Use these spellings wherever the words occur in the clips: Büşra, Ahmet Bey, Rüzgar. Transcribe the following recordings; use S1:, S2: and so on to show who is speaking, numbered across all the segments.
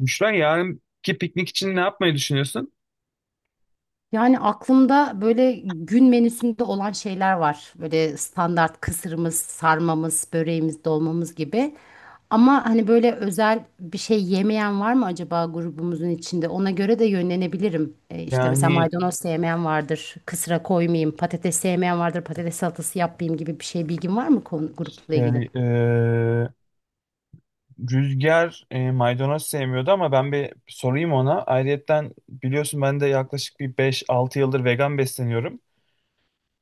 S1: Büşra yarınki piknik için ne yapmayı düşünüyorsun?
S2: Yani aklımda böyle gün menüsünde olan şeyler var. Böyle standart kısırımız, sarmamız, böreğimiz, dolmamız gibi. Ama hani böyle özel bir şey yemeyen var mı acaba grubumuzun içinde? Ona göre de yönlenebilirim. İşte mesela
S1: Yani
S2: maydanoz sevmeyen vardır, kısra koymayayım, patates sevmeyen vardır, patates salatası yapmayayım gibi bir şey bilgin var mı konu, grupla ilgili?
S1: şey, Rüzgar maydanoz sevmiyordu ama ben bir sorayım ona. Ayrıyetten biliyorsun ben de yaklaşık bir 5-6 yıldır vegan besleniyorum.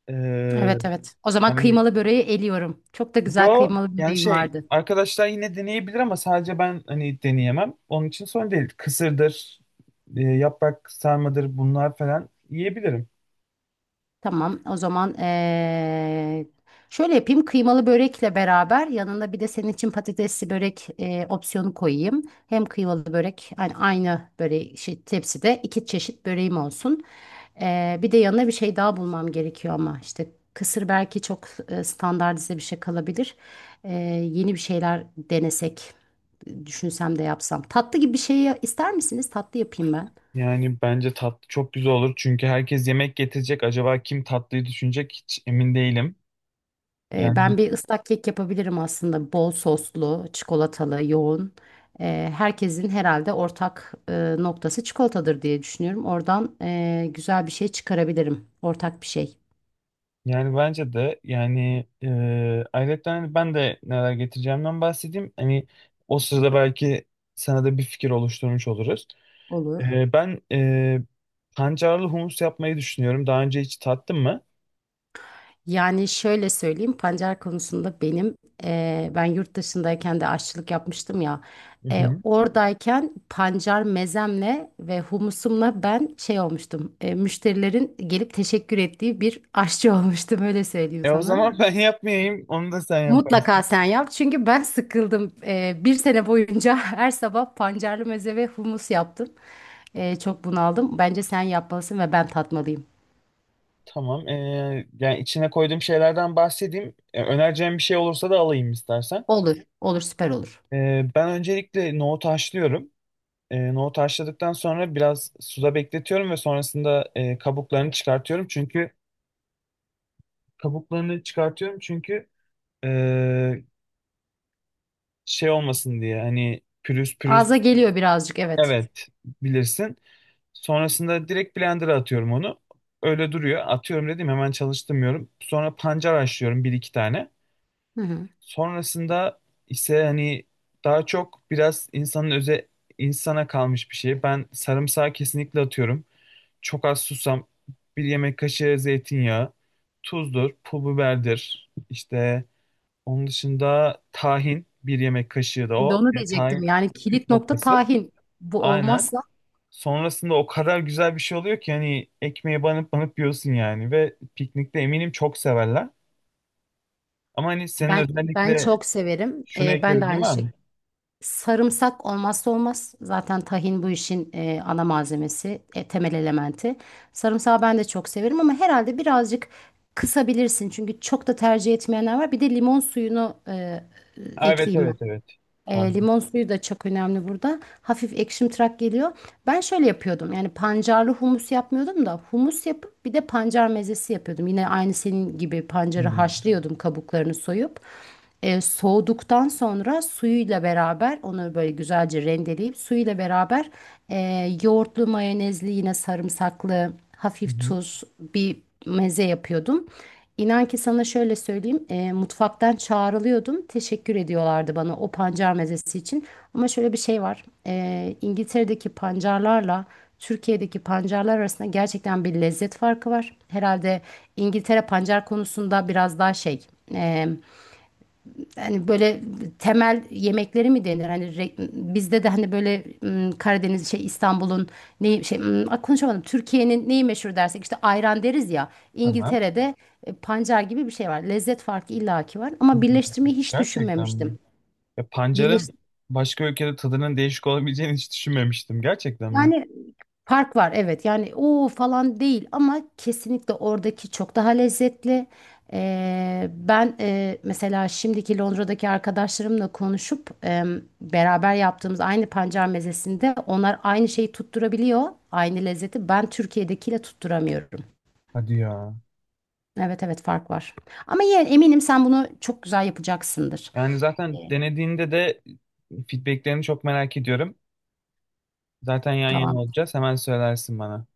S1: Eee,
S2: Evet, evet. O zaman
S1: yani
S2: kıymalı böreği eliyorum. Çok da güzel
S1: yo
S2: kıymalı
S1: yani
S2: böreğim
S1: şey
S2: vardı.
S1: arkadaşlar yine deneyebilir ama sadece ben hani deneyemem. Onun için sorun değil. Kısırdır, yaprak sarmadır bunlar falan yiyebilirim.
S2: Tamam, o zaman şöyle yapayım. Kıymalı börekle beraber yanında bir de senin için patatesli börek opsiyonu koyayım. Hem kıymalı börek yani aynı böreği şey, tepside iki çeşit böreğim olsun. Bir de yanına bir şey daha bulmam gerekiyor ama işte kısır belki çok standartize bir şey kalabilir. Eee, Yeni bir şeyler denesek, düşünsem de yapsam. Tatlı gibi bir şey ister misiniz? Tatlı yapayım ben.
S1: Yani bence tatlı çok güzel olur. Çünkü herkes yemek getirecek. Acaba kim tatlıyı düşünecek hiç emin değilim. Yani
S2: Ben bir ıslak kek yapabilirim aslında. Bol soslu, çikolatalı, yoğun. Herkesin herhalde ortak noktası çikolatadır diye düşünüyorum. Oradan güzel bir şey çıkarabilirim. Ortak bir şey
S1: yani, bence de yani ayrıca hani ben de neler getireceğimden bahsedeyim. Hani o sırada belki sana da bir fikir oluşturmuş oluruz.
S2: olur.
S1: Ben pancarlı humus yapmayı düşünüyorum. Daha önce hiç tattın mı?
S2: Yani şöyle söyleyeyim, pancar konusunda ben yurt dışındayken de aşçılık yapmıştım ya.
S1: Hı
S2: E,
S1: hı.
S2: oradayken pancar mezemle ve humusumla ben şey olmuştum. Müşterilerin gelip teşekkür ettiği bir aşçı olmuştum öyle söyleyeyim
S1: O
S2: sana.
S1: zaman ben yapmayayım. Onu da sen
S2: Mutlaka
S1: yaparsın.
S2: sen yap çünkü ben sıkıldım. Bir sene boyunca her sabah pancarlı meze ve humus yaptım. Çok bunaldım. Bence sen yapmalısın ve ben tatmalıyım.
S1: Tamam. Yani içine koyduğum şeylerden bahsedeyim. Önereceğim bir şey olursa da alayım istersen.
S2: Olur, olur, süper olur.
S1: Ben öncelikle nohutu haşlıyorum. Nohutu haşladıktan sonra biraz suda bekletiyorum ve sonrasında kabuklarını çıkartıyorum. Çünkü kabuklarını çıkartıyorum, çünkü e, şey olmasın diye, hani pürüz pürüz,
S2: Ağza geliyor birazcık, evet.
S1: evet, bilirsin. Sonrasında direkt blender'a atıyorum onu. Öyle duruyor. Atıyorum dedim, hemen çalıştırmıyorum. Sonra pancar haşlıyorum bir iki tane.
S2: Hı hı.
S1: Sonrasında ise hani daha çok biraz insanın öze insana kalmış bir şey. Ben sarımsağı kesinlikle atıyorum. Çok az susam, bir yemek kaşığı zeytinyağı, tuzdur, pul biberdir. İşte onun dışında tahin bir yemek kaşığı da
S2: Şimdi
S1: o.
S2: onu
S1: Yani
S2: diyecektim.
S1: tahin
S2: Yani
S1: püf
S2: kilit nokta
S1: noktası.
S2: tahin. Bu
S1: Aynen.
S2: olmazsa
S1: Sonrasında o kadar güzel bir şey oluyor ki hani ekmeğe banıp banıp yiyorsun yani, ve piknikte eminim çok severler. Ama hani senin
S2: ben
S1: özellikle
S2: çok severim.
S1: şunu
S2: Ben de
S1: eklediğin
S2: aynı
S1: var mı?
S2: şekilde. Sarımsak olmazsa olmaz. Zaten tahin bu işin ana malzemesi, temel elementi. Sarımsağı ben de çok severim ama herhalde birazcık kısabilirsin. Çünkü çok da tercih etmeyenler var. Bir de limon suyunu
S1: Ha, evet,
S2: ekleyeyim,
S1: evet, evet. Pardon.
S2: limon suyu da çok önemli burada. Hafif ekşimtırak geliyor. Ben şöyle yapıyordum. Yani pancarlı humus yapmıyordum da humus yapıp bir de pancar mezesi yapıyordum. Yine aynı senin gibi pancarı
S1: Hmm.
S2: haşlıyordum kabuklarını soyup. Soğuduktan sonra suyuyla beraber onu böyle güzelce rendeleyip suyuyla beraber, yoğurtlu, mayonezli, yine sarımsaklı,
S1: Hı
S2: hafif
S1: hı.
S2: tuz bir meze yapıyordum. İnan ki sana şöyle söyleyeyim, mutfaktan çağrılıyordum. Teşekkür ediyorlardı bana o pancar mezesi için. Ama şöyle bir şey var. E, İngiltere'deki pancarlarla Türkiye'deki pancarlar arasında gerçekten bir lezzet farkı var. Herhalde İngiltere pancar konusunda biraz daha şey, e, yani böyle temel yemekleri mi denir? Hani bizde de hani böyle, Karadeniz şey, İstanbul'un neyi, ah, konuşamadım. Türkiye'nin neyi meşhur dersek işte ayran deriz ya.
S1: Tamam.
S2: İngiltere'de pancar gibi bir şey var. Lezzet farkı illaki var
S1: Hı
S2: ama
S1: hı.
S2: birleştirmeyi hiç
S1: Gerçekten mi?
S2: düşünmemiştim.
S1: Ya pancarın başka ülkede tadının değişik olabileceğini hiç düşünmemiştim. Gerçekten mi?
S2: Fark var, evet, yani o falan değil ama kesinlikle oradaki çok daha lezzetli. Mesela şimdiki Londra'daki arkadaşlarımla konuşup, beraber yaptığımız aynı pancar mezesinde onlar aynı şeyi tutturabiliyor, aynı lezzeti. Ben Türkiye'dekiyle tutturamıyorum.
S1: Hadi ya.
S2: Evet, evet, fark var. Ama yine eminim sen bunu çok güzel yapacaksındır.
S1: Yani
S2: E,
S1: zaten denediğinde de feedbacklerini çok merak ediyorum. Zaten yan yana
S2: Tamam,
S1: olacağız. Hemen söylersin bana.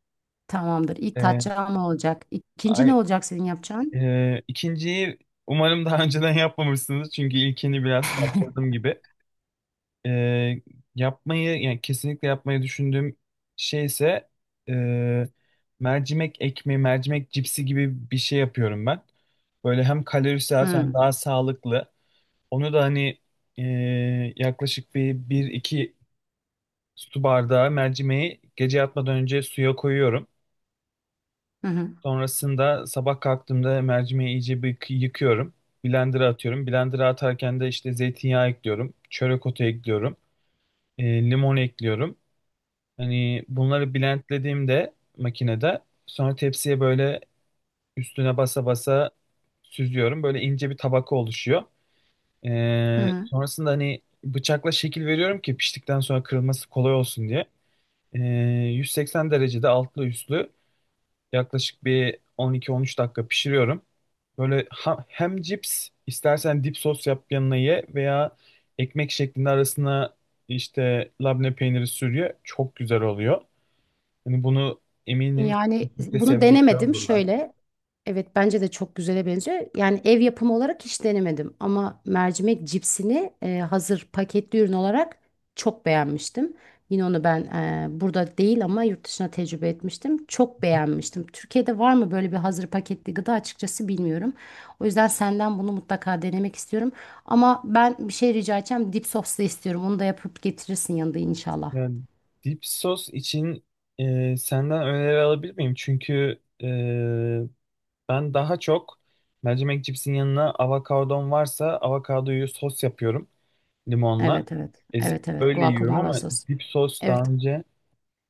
S2: tamamdır. İlk
S1: Ee,
S2: tatçağın ne olacak? İkinci ne
S1: Ay,
S2: olacak senin yapacağın?
S1: ikinciyi umarım daha önceden yapmamışsınız. Çünkü ilkini biraz kaptırdım gibi. e, Yapmayı yani kesinlikle yapmayı düşündüğüm şey ise e, mercimek ekmeği, mercimek cipsi gibi bir şey yapıyorum ben. Böyle hem kalorisi az hem
S2: Hı
S1: daha sağlıklı. Onu da hani e, yaklaşık bir iki su bardağı mercimeği gece yatmadan önce suya koyuyorum.
S2: hı hı.
S1: Sonrasında sabah kalktığımda mercimeği iyice bir yıkıyorum. Blender'a atıyorum. Blender'a atarken de işte zeytinyağı ekliyorum. Çörek otu ekliyorum. e, Limon ekliyorum. Hani bunları blendlediğimde makinede sonra tepsiye böyle üstüne basa basa süzüyorum. Böyle ince bir tabaka oluşuyor.
S2: Hı.
S1: Sonrasında hani bıçakla şekil veriyorum ki piştikten sonra kırılması kolay olsun diye. Ee, 180 derecede altlı üstlü yaklaşık bir 12-13 dakika pişiriyorum. Böyle hem cips istersen dip sos yap yanına ye, veya ekmek şeklinde arasına işte labne peyniri sürüyor. Çok güzel oluyor. Hani bunu eminim
S2: Yani
S1: çok da
S2: bunu
S1: sevecekler
S2: denemedim
S1: olurlar.
S2: şöyle. Evet bence de çok güzele benziyor. Yani ev yapımı olarak hiç denemedim ama mercimek cipsini hazır paketli ürün olarak çok beğenmiştim. Yine onu ben, burada değil ama yurt dışına tecrübe etmiştim. Çok beğenmiştim. Türkiye'de var mı böyle bir hazır paketli gıda açıkçası bilmiyorum. O yüzden senden bunu mutlaka denemek istiyorum. Ama ben bir şey rica edeceğim. Dip soslu istiyorum. Onu da yapıp getirirsin yanında inşallah.
S1: Yani dip sos için senden öneri alabilir miyim? Çünkü ben daha çok mercimek cipsin yanına avokadom varsa avokadoyu sos yapıyorum limonla.
S2: Evet, evet.
S1: Ezip
S2: Evet, evet.
S1: öyle yiyorum
S2: Guacamole
S1: ama
S2: sos.
S1: dip sos
S2: Evet.
S1: daha önce...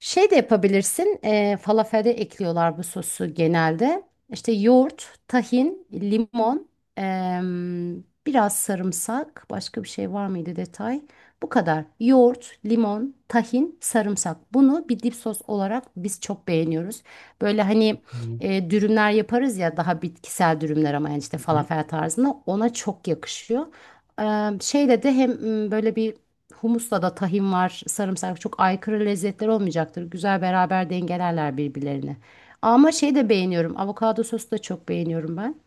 S2: Şey de yapabilirsin. E, falafelde ekliyorlar bu sosu genelde. İşte yoğurt, tahin, limon, biraz sarımsak. Başka bir şey var mıydı detay? Bu kadar. Yoğurt, limon, tahin, sarımsak. Bunu bir dip sos olarak biz çok beğeniyoruz. Böyle hani
S1: Hı
S2: e, dürümler yaparız ya, daha bitkisel dürümler, ama yani işte
S1: hı.
S2: falafel tarzında ona çok yakışıyor. Şeyle de hem, böyle bir humusla da tahin var, sarımsak, çok aykırı lezzetler olmayacaktır. Güzel beraber dengelerler birbirlerini. Ama şey de beğeniyorum. Avokado sosu da çok beğeniyorum ben.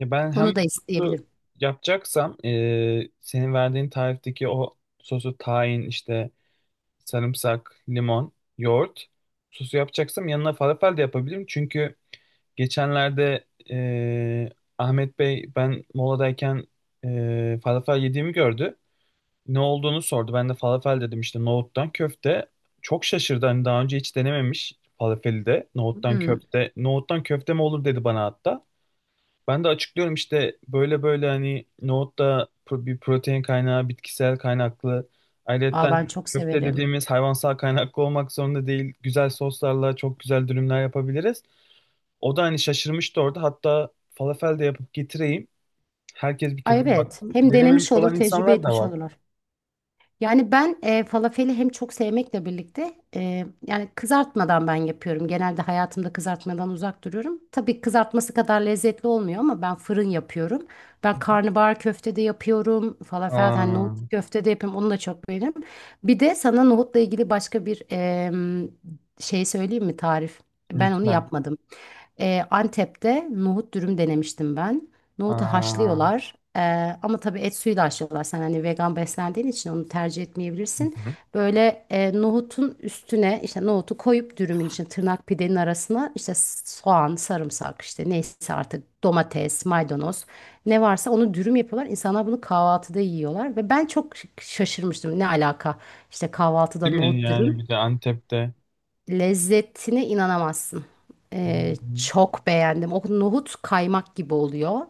S1: Ya ben hem
S2: Onu da
S1: sosu
S2: isteyebilirim.
S1: yapacaksam senin verdiğin tarifteki o sosu, tahin işte, sarımsak, limon, yoğurt. Sosu yapacaksam yanına falafel de yapabilirim. Çünkü geçenlerde e, Ahmet Bey ben moladayken falafel yediğimi gördü. Ne olduğunu sordu. Ben de falafel dedim, işte nohuttan köfte. Çok şaşırdı. Hani daha önce hiç denememiş falafeli de. Nohuttan
S2: Hmm.
S1: köfte. Nohuttan köfte mi olur dedi bana hatta. Ben de açıklıyorum işte, böyle böyle, hani nohutta bir protein kaynağı, bitkisel kaynaklı.
S2: Aa,
S1: Ayrıca
S2: ben çok
S1: köfte
S2: severim.
S1: dediğimiz hayvansal kaynaklı olmak zorunda değil. Güzel soslarla çok güzel dürümler yapabiliriz. O da hani şaşırmıştı orada. Hatta falafel de yapıp getireyim. Herkes bir
S2: Ay,
S1: tadına
S2: evet.
S1: baksın.
S2: Hem
S1: Denememiş
S2: denemiş olur,
S1: olan
S2: tecrübe
S1: insanlar da
S2: etmiş
S1: var.
S2: olurlar. Yani ben falafeli hem çok sevmekle birlikte, yani kızartmadan ben yapıyorum. Genelde hayatımda kızartmadan uzak duruyorum. Tabii kızartması kadar lezzetli olmuyor ama ben fırın yapıyorum. Ben karnabahar köfte de yapıyorum. Falafel yani nohut
S1: Aa,
S2: köfte de yapıyorum. Onu da çok beğeniyorum. Bir de sana nohutla ilgili başka bir şey söyleyeyim mi tarif? Ben onu
S1: lütfen.
S2: yapmadım. Antep'te nohut dürüm denemiştim ben. Nohutu
S1: Aa,
S2: haşlıyorlar. Ama tabii et suyuyla haşlıyorlar. Sen hani vegan beslendiğin için onu tercih
S1: hı
S2: etmeyebilirsin.
S1: hı.
S2: Böyle, nohutun üstüne işte nohutu koyup dürümün için tırnak pidenin arasına işte soğan, sarımsak, işte neyse artık, domates, maydanoz, ne varsa onu dürüm yapıyorlar. İnsanlar bunu kahvaltıda yiyorlar ve ben çok şaşırmıştım. Ne alaka? İşte kahvaltıda
S1: Değil mi?
S2: nohut
S1: Yani
S2: dürüm.
S1: bir de Antep'te.
S2: Lezzetine inanamazsın.
S1: Hı hı.
S2: Çok beğendim. O nohut kaymak gibi oluyor.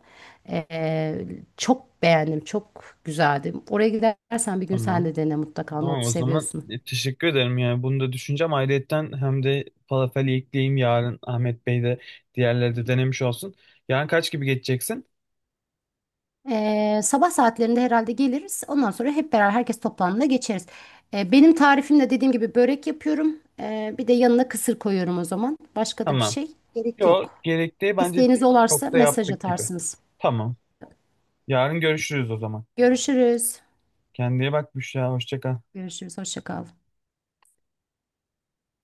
S2: Ee, Çok beğendim. Çok güzeldi. Oraya gidersen bir gün sen
S1: Tamam.
S2: de dene mutlaka.
S1: Tamam,
S2: Nohutu
S1: o zaman
S2: seviyorsun.
S1: teşekkür ederim yani bunu da düşüneceğim. Ayrıyetten hem de falafeli ekleyeyim, yarın Ahmet Bey de diğerleri de denemiş olsun. Yarın kaç gibi geçeceksin?
S2: Sabah saatlerinde herhalde geliriz. Ondan sonra hep beraber herkes toplandığında geçeriz. Benim tarifimle dediğim gibi börek yapıyorum. Bir de yanına kısır koyuyorum o zaman. Başka da bir
S1: Tamam.
S2: şey gerek
S1: Yok,
S2: yok.
S1: gerektiği bence
S2: İsteğiniz olarsa
S1: çok da
S2: mesaj
S1: yaptık gibi.
S2: atarsınız.
S1: Tamam. Yarın görüşürüz o zaman.
S2: Görüşürüz.
S1: Kendine iyi bak Büşra. Hoşça kal.
S2: Görüşürüz. Hoşça kal.